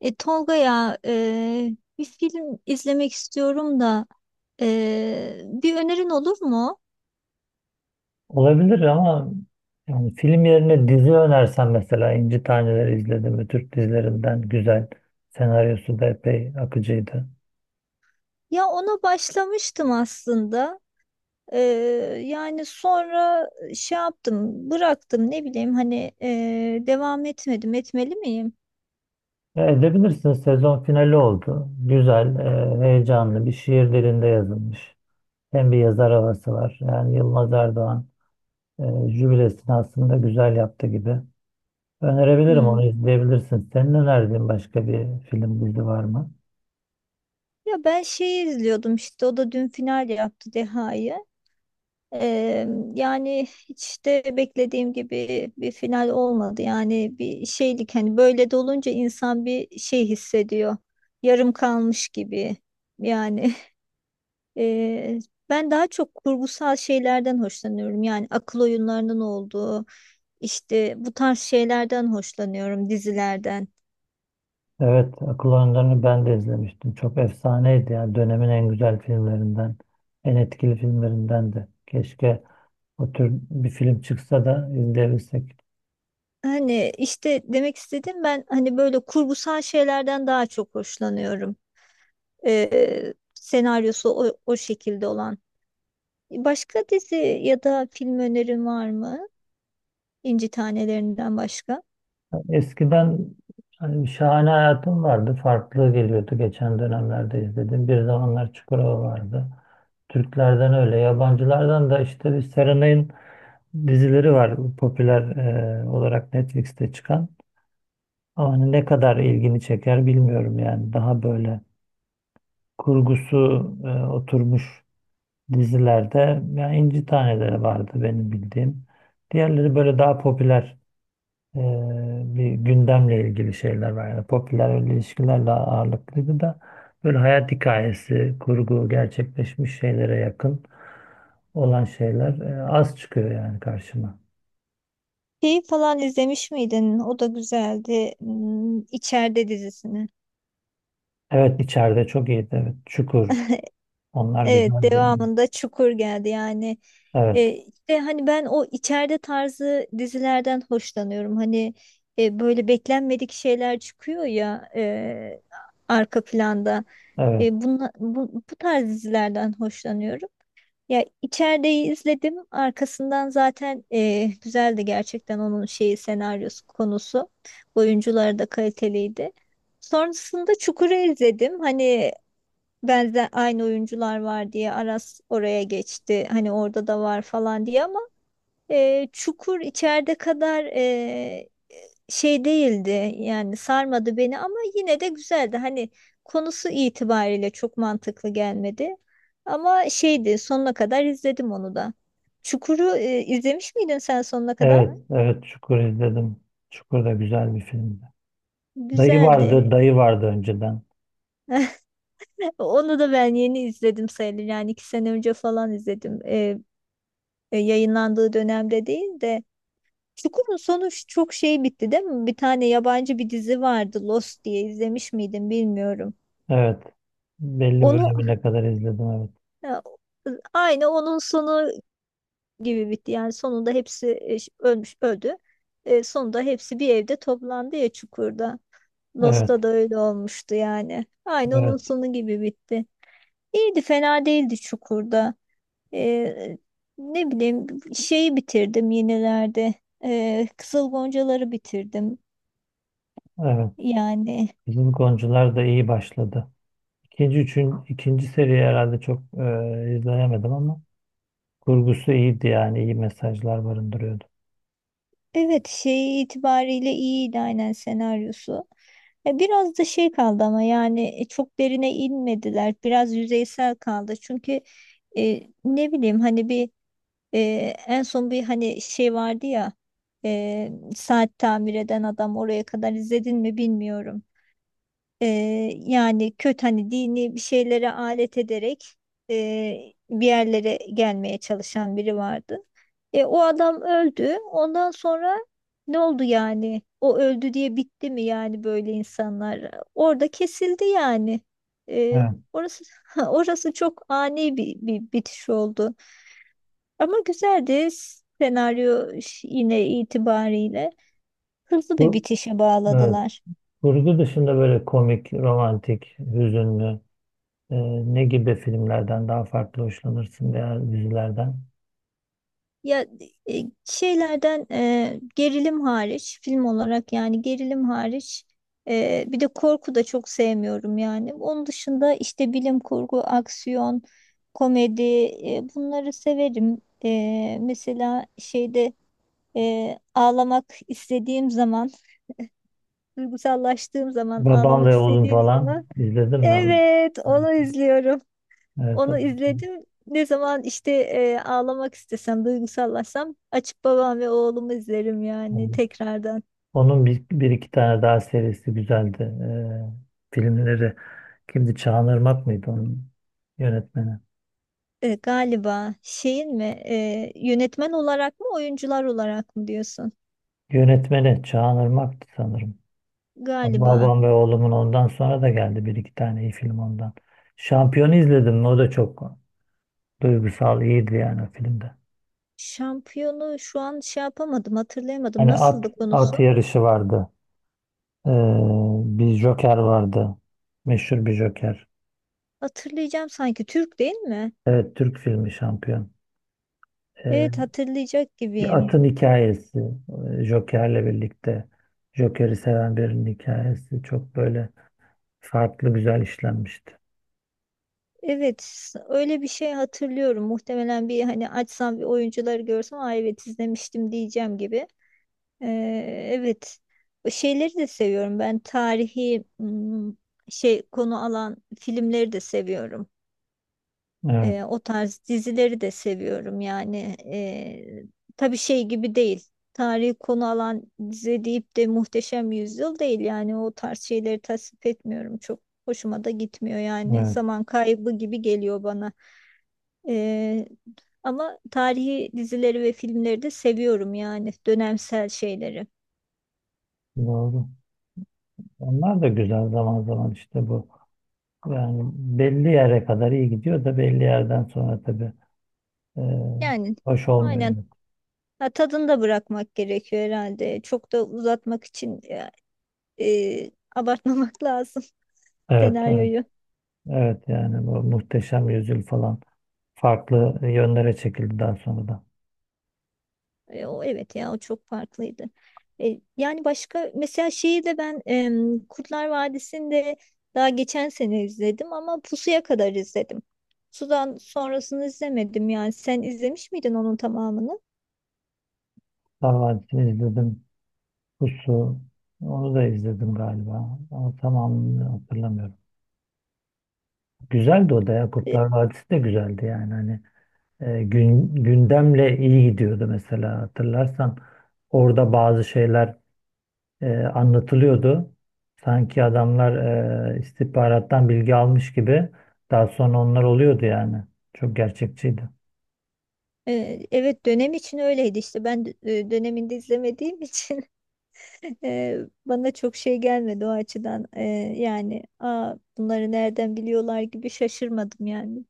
Tolga ya, bir film izlemek istiyorum da bir önerin olur mu? Olabilir ama yani film yerine dizi önersen mesela İnci Taneleri izledim mi Türk dizilerinden güzel. Senaryosu da epey akıcıydı. Ya ona başlamıştım aslında. E, yani sonra şey yaptım, bıraktım ne bileyim hani, devam etmedim. Etmeli miyim? Edebilirsin sezon finali oldu. Güzel, heyecanlı bir şiir dilinde yazılmış. Hem bir yazar havası var. Yani Yılmaz Erdoğan e, jübilesini aslında güzel yaptı gibi. Önerebilirim Hmm. onu izleyebilirsin. Senin önerdiğin başka bir film dizi var mı? Ya ben şeyi izliyordum işte o da dün final yaptı Deha'yı. Eee, Yani hiç de beklediğim gibi bir final olmadı. Yani bir şeylik hani böyle de olunca insan bir şey hissediyor. Yarım kalmış gibi. Yani eee, ben daha çok kurgusal şeylerden hoşlanıyorum. Yani akıl oyunlarının olduğu işte bu tarz şeylerden hoşlanıyorum dizilerden. Evet, Akıl Oyunları'nı ben de izlemiştim. Çok efsaneydi ya. Dönemin en güzel filmlerinden, en etkili filmlerinden de. Keşke o tür bir film çıksa da izleyebilsek. Hani işte demek istediğim ben hani böyle kurgusal şeylerden daha çok hoşlanıyorum. Senaryosu o şekilde olan. Başka dizi ya da film önerin var mı? İnci Tanelerinden başka. Eskiden hani bir şahane hayatım vardı. Farklı geliyordu geçen dönemlerde izledim. Bir zamanlar Çukurova vardı. Türklerden öyle, yabancılardan da işte bir Serenay'ın dizileri var popüler olarak Netflix'te çıkan. Ama hani ne kadar ilgini çeker bilmiyorum yani. Daha böyle kurgusu oturmuş dizilerde yani İnci Taneleri vardı benim bildiğim. Diğerleri böyle daha popüler e, bir gündemle ilgili şeyler var. Yani popüler öyle ilişkilerle ağırlıklıydı da böyle hayat hikayesi, kurgu gerçekleşmiş şeylere yakın olan şeyler az çıkıyor yani karşıma. Şeyi falan izlemiş miydin? O da güzeldi. Hmm, İçeride dizisini. Evet içeride çok iyiydi. Evet. Çukur. Onlar Evet, güzeldi yani. devamında Çukur geldi. Yani Evet. İşte hani ben o içeride tarzı dizilerden hoşlanıyorum. Hani böyle beklenmedik şeyler çıkıyor ya, arka planda. Evet. Bu tarz dizilerden hoşlanıyorum. Ya içerideyi izledim. Arkasından zaten güzeldi gerçekten onun şeyi senaryosu konusu. Oyuncuları da kaliteliydi. Sonrasında Çukur'u izledim. Hani benzer aynı oyuncular var diye Aras oraya geçti. Hani orada da var falan diye ama Çukur içeride kadar şey değildi yani sarmadı beni ama yine de güzeldi. Hani konusu itibariyle çok mantıklı gelmedi. Ama şeydi sonuna kadar izledim onu da. Çukur'u izlemiş miydin sen sonuna kadar? Evet. Evet. Çukur izledim. Çukur da güzel bir filmdi. Dayı Güzeldi. vardı, dayı vardı önceden. Onu da ben yeni izledim sayılır. Yani iki sene önce falan izledim. Yayınlandığı dönemde değil de. Çukur'un sonu çok şey bitti değil mi? Bir tane yabancı bir dizi vardı Lost diye izlemiş miydin bilmiyorum. Evet. Belli Onu bölümüne kadar izledim. Evet. ya, aynı onun sonu gibi bitti. Yani sonunda hepsi ölmüş öldü. Sonunda hepsi bir evde toplandı ya çukurda. Lost'ta Evet. da öyle olmuştu yani. Aynı onun Evet. sonu gibi bitti. İyiydi fena değildi çukurda. E, Ne bileyim şeyi bitirdim yenilerde. Kızıl Goncaları bitirdim. Evet. Yani Kızıl Goncalar da iyi başladı. İkinci seriyi herhalde çok izleyemedim ama kurgusu iyiydi yani. İyi mesajlar barındırıyordu. evet şey itibariyle iyiydi aynen senaryosu. Biraz da şey kaldı ama yani çok derine inmediler. Biraz yüzeysel kaldı. Çünkü ne bileyim hani bir e, en son bir hani şey vardı ya, saat tamir eden adam oraya kadar izledin mi bilmiyorum. Ee, Yani kötü hani dini bir şeylere alet ederek bir yerlere gelmeye çalışan biri vardı. O adam öldü. Ondan sonra ne oldu yani? O öldü diye bitti mi yani böyle insanlar? Orada kesildi yani. E, Evet. Orası orası çok ani bir bitiş oldu. Ama güzeldi senaryo yine itibariyle. Hızlı bir Bu, bitişe evet. bağladılar. Kurgu dışında böyle komik, romantik, hüzünlü e, ne gibi filmlerden daha farklı hoşlanırsın veya dizilerden? Ya Şeylerden gerilim hariç film olarak yani gerilim hariç bir de korku da çok sevmiyorum yani. Onun dışında işte bilim kurgu, aksiyon, komedi, bunları severim. Mesela şeyde, ağlamak istediğim zaman, duygusallaştığım zaman, Babam ağlamak ve Oğlum istediğim falan zaman izledin mi onu? evet Evet. onu izliyorum. Evet. Onu izledim. Ne zaman işte ağlamak istesem, duygusallaşsam açıp babam ve oğlumu izlerim yani Evet. tekrardan. Onun bir iki tane daha serisi güzeldi. Filmleri kimdi? Çağan Irmak mıydı onun yönetmeni? Galiba şeyin mi, yönetmen olarak mı oyuncular olarak mı diyorsun? Yönetmeni Çağan Irmak'tı sanırım. Galiba. Babam ve oğlumun ondan sonra da geldi bir iki tane iyi film ondan. Şampiyonu izledim mi? O da çok duygusal, iyiydi yani o filmde. Şampiyonu şu an şey yapamadım, hatırlayamadım. Hani at, Nasıldı konusu? at yarışı vardı. Ee, bir Joker vardı. Meşhur bir Joker. Hatırlayacağım sanki. Türk değil mi? Evet, Türk filmi şampiyon. Evet Ee, hatırlayacak Bir gibiyim. atın hikayesi, Joker'le birlikte Joker'i seven birinin hikayesi çok böyle farklı güzel işlenmişti. Evet öyle bir şey hatırlıyorum. Muhtemelen bir hani açsam bir oyuncuları görsem "Aa, evet izlemiştim diyeceğim gibi. Evet. Şeyleri de seviyorum. Ben tarihi şey konu alan filmleri de seviyorum. Evet, O tarz dizileri de seviyorum. Yani tabii şey gibi değil. Tarihi konu alan dizi deyip de Muhteşem Yüzyıl değil. Yani o tarz şeyleri tasvip etmiyorum. Çok hoşuma da gitmiyor yani. evet, Zaman kaybı gibi geliyor bana. Ee, Ama tarihi dizileri ve filmleri de seviyorum yani dönemsel şeyleri. doğru. Onlar da güzel zaman zaman işte bu. Yani belli yere kadar iyi gidiyor da belli yerden sonra tabii e, Yani hoş olmuyor. aynen ha, tadını da bırakmak gerekiyor herhalde. Çok da uzatmak için abartmamak lazım Evet, evet, senaryoyu. evet yani bu Muhteşem Yüzyıl falan farklı yönlere çekildi daha sonra da. O evet ya o çok farklıydı. Yani başka mesela şeyi de ben Kurtlar Vadisi'nde daha geçen sene izledim ama Pusu'ya kadar izledim. Sudan sonrasını izlemedim yani. Sen izlemiş miydin onun tamamını? Sarvancı'nı izledim. Pusu. Onu da izledim galiba. Ama tamamını hatırlamıyorum. Güzeldi o da ya. E, Kurtlar Vadisi de güzeldi yani. Hani gündemle iyi gidiyordu mesela hatırlarsan. Orada bazı şeyler anlatılıyordu. Sanki adamlar istihbarattan bilgi almış gibi. Daha sonra onlar oluyordu yani. Çok gerçekçiydi. Evet dönem için öyleydi işte ben döneminde izlemediğim için e, bana çok şey gelmedi o açıdan. Yani aa bunları nereden biliyorlar gibi şaşırmadım yani.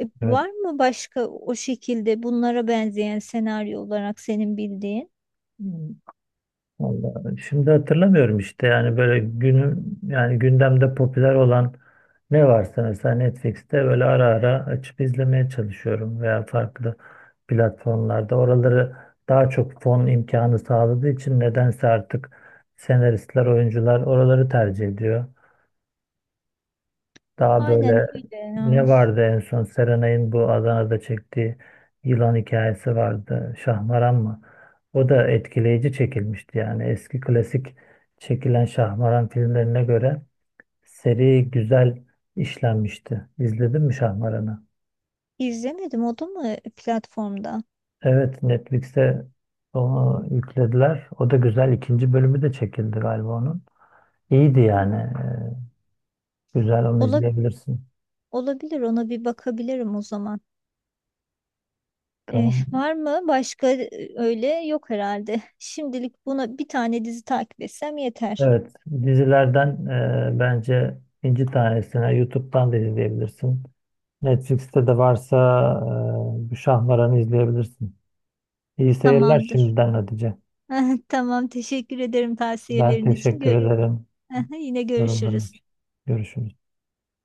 Evet. Var mı başka o şekilde bunlara benzeyen senaryo olarak senin bildiğin? Vallahi şimdi hatırlamıyorum işte yani böyle günün yani gündemde popüler olan ne varsa mesela Netflix'te böyle ara ara açıp izlemeye çalışıyorum veya farklı platformlarda oraları daha çok fon imkanı sağladığı için nedense artık senaristler, oyuncular oraları tercih ediyor. Daha Aynen böyle öyle, ya. ne vardı en son Serenay'ın bu Adana'da çektiği yılan hikayesi vardı. Şahmaran mı? O da etkileyici çekilmişti yani. Eski klasik çekilen Şahmaran filmlerine göre seri güzel işlenmişti. İzledin mi Şahmaran'ı? İzlemedim o da mı platformda? Evet Netflix'te onu yüklediler. O da güzel. İkinci bölümü de çekildi galiba onun. İyiydi yani. Hmm. Güzel onu Ola, izleyebilirsin. olabilir ona bir bakabilirim o zaman. Tamam. Var mı başka öyle? Yok herhalde. Şimdilik buna bir tane dizi takip etsem yeter. Evet, dizilerden bence inci tanesine YouTube'dan da izleyebilirsin. Netflix'te de varsa bu Şahmaran'ı izleyebilirsin. İyi seyirler Tamamdır. şimdiden Hatice. Tamam teşekkür ederim Ben tavsiyelerin için. teşekkür Gö- ederim Yine yorumların görüşürüz. için. Görüşürüz.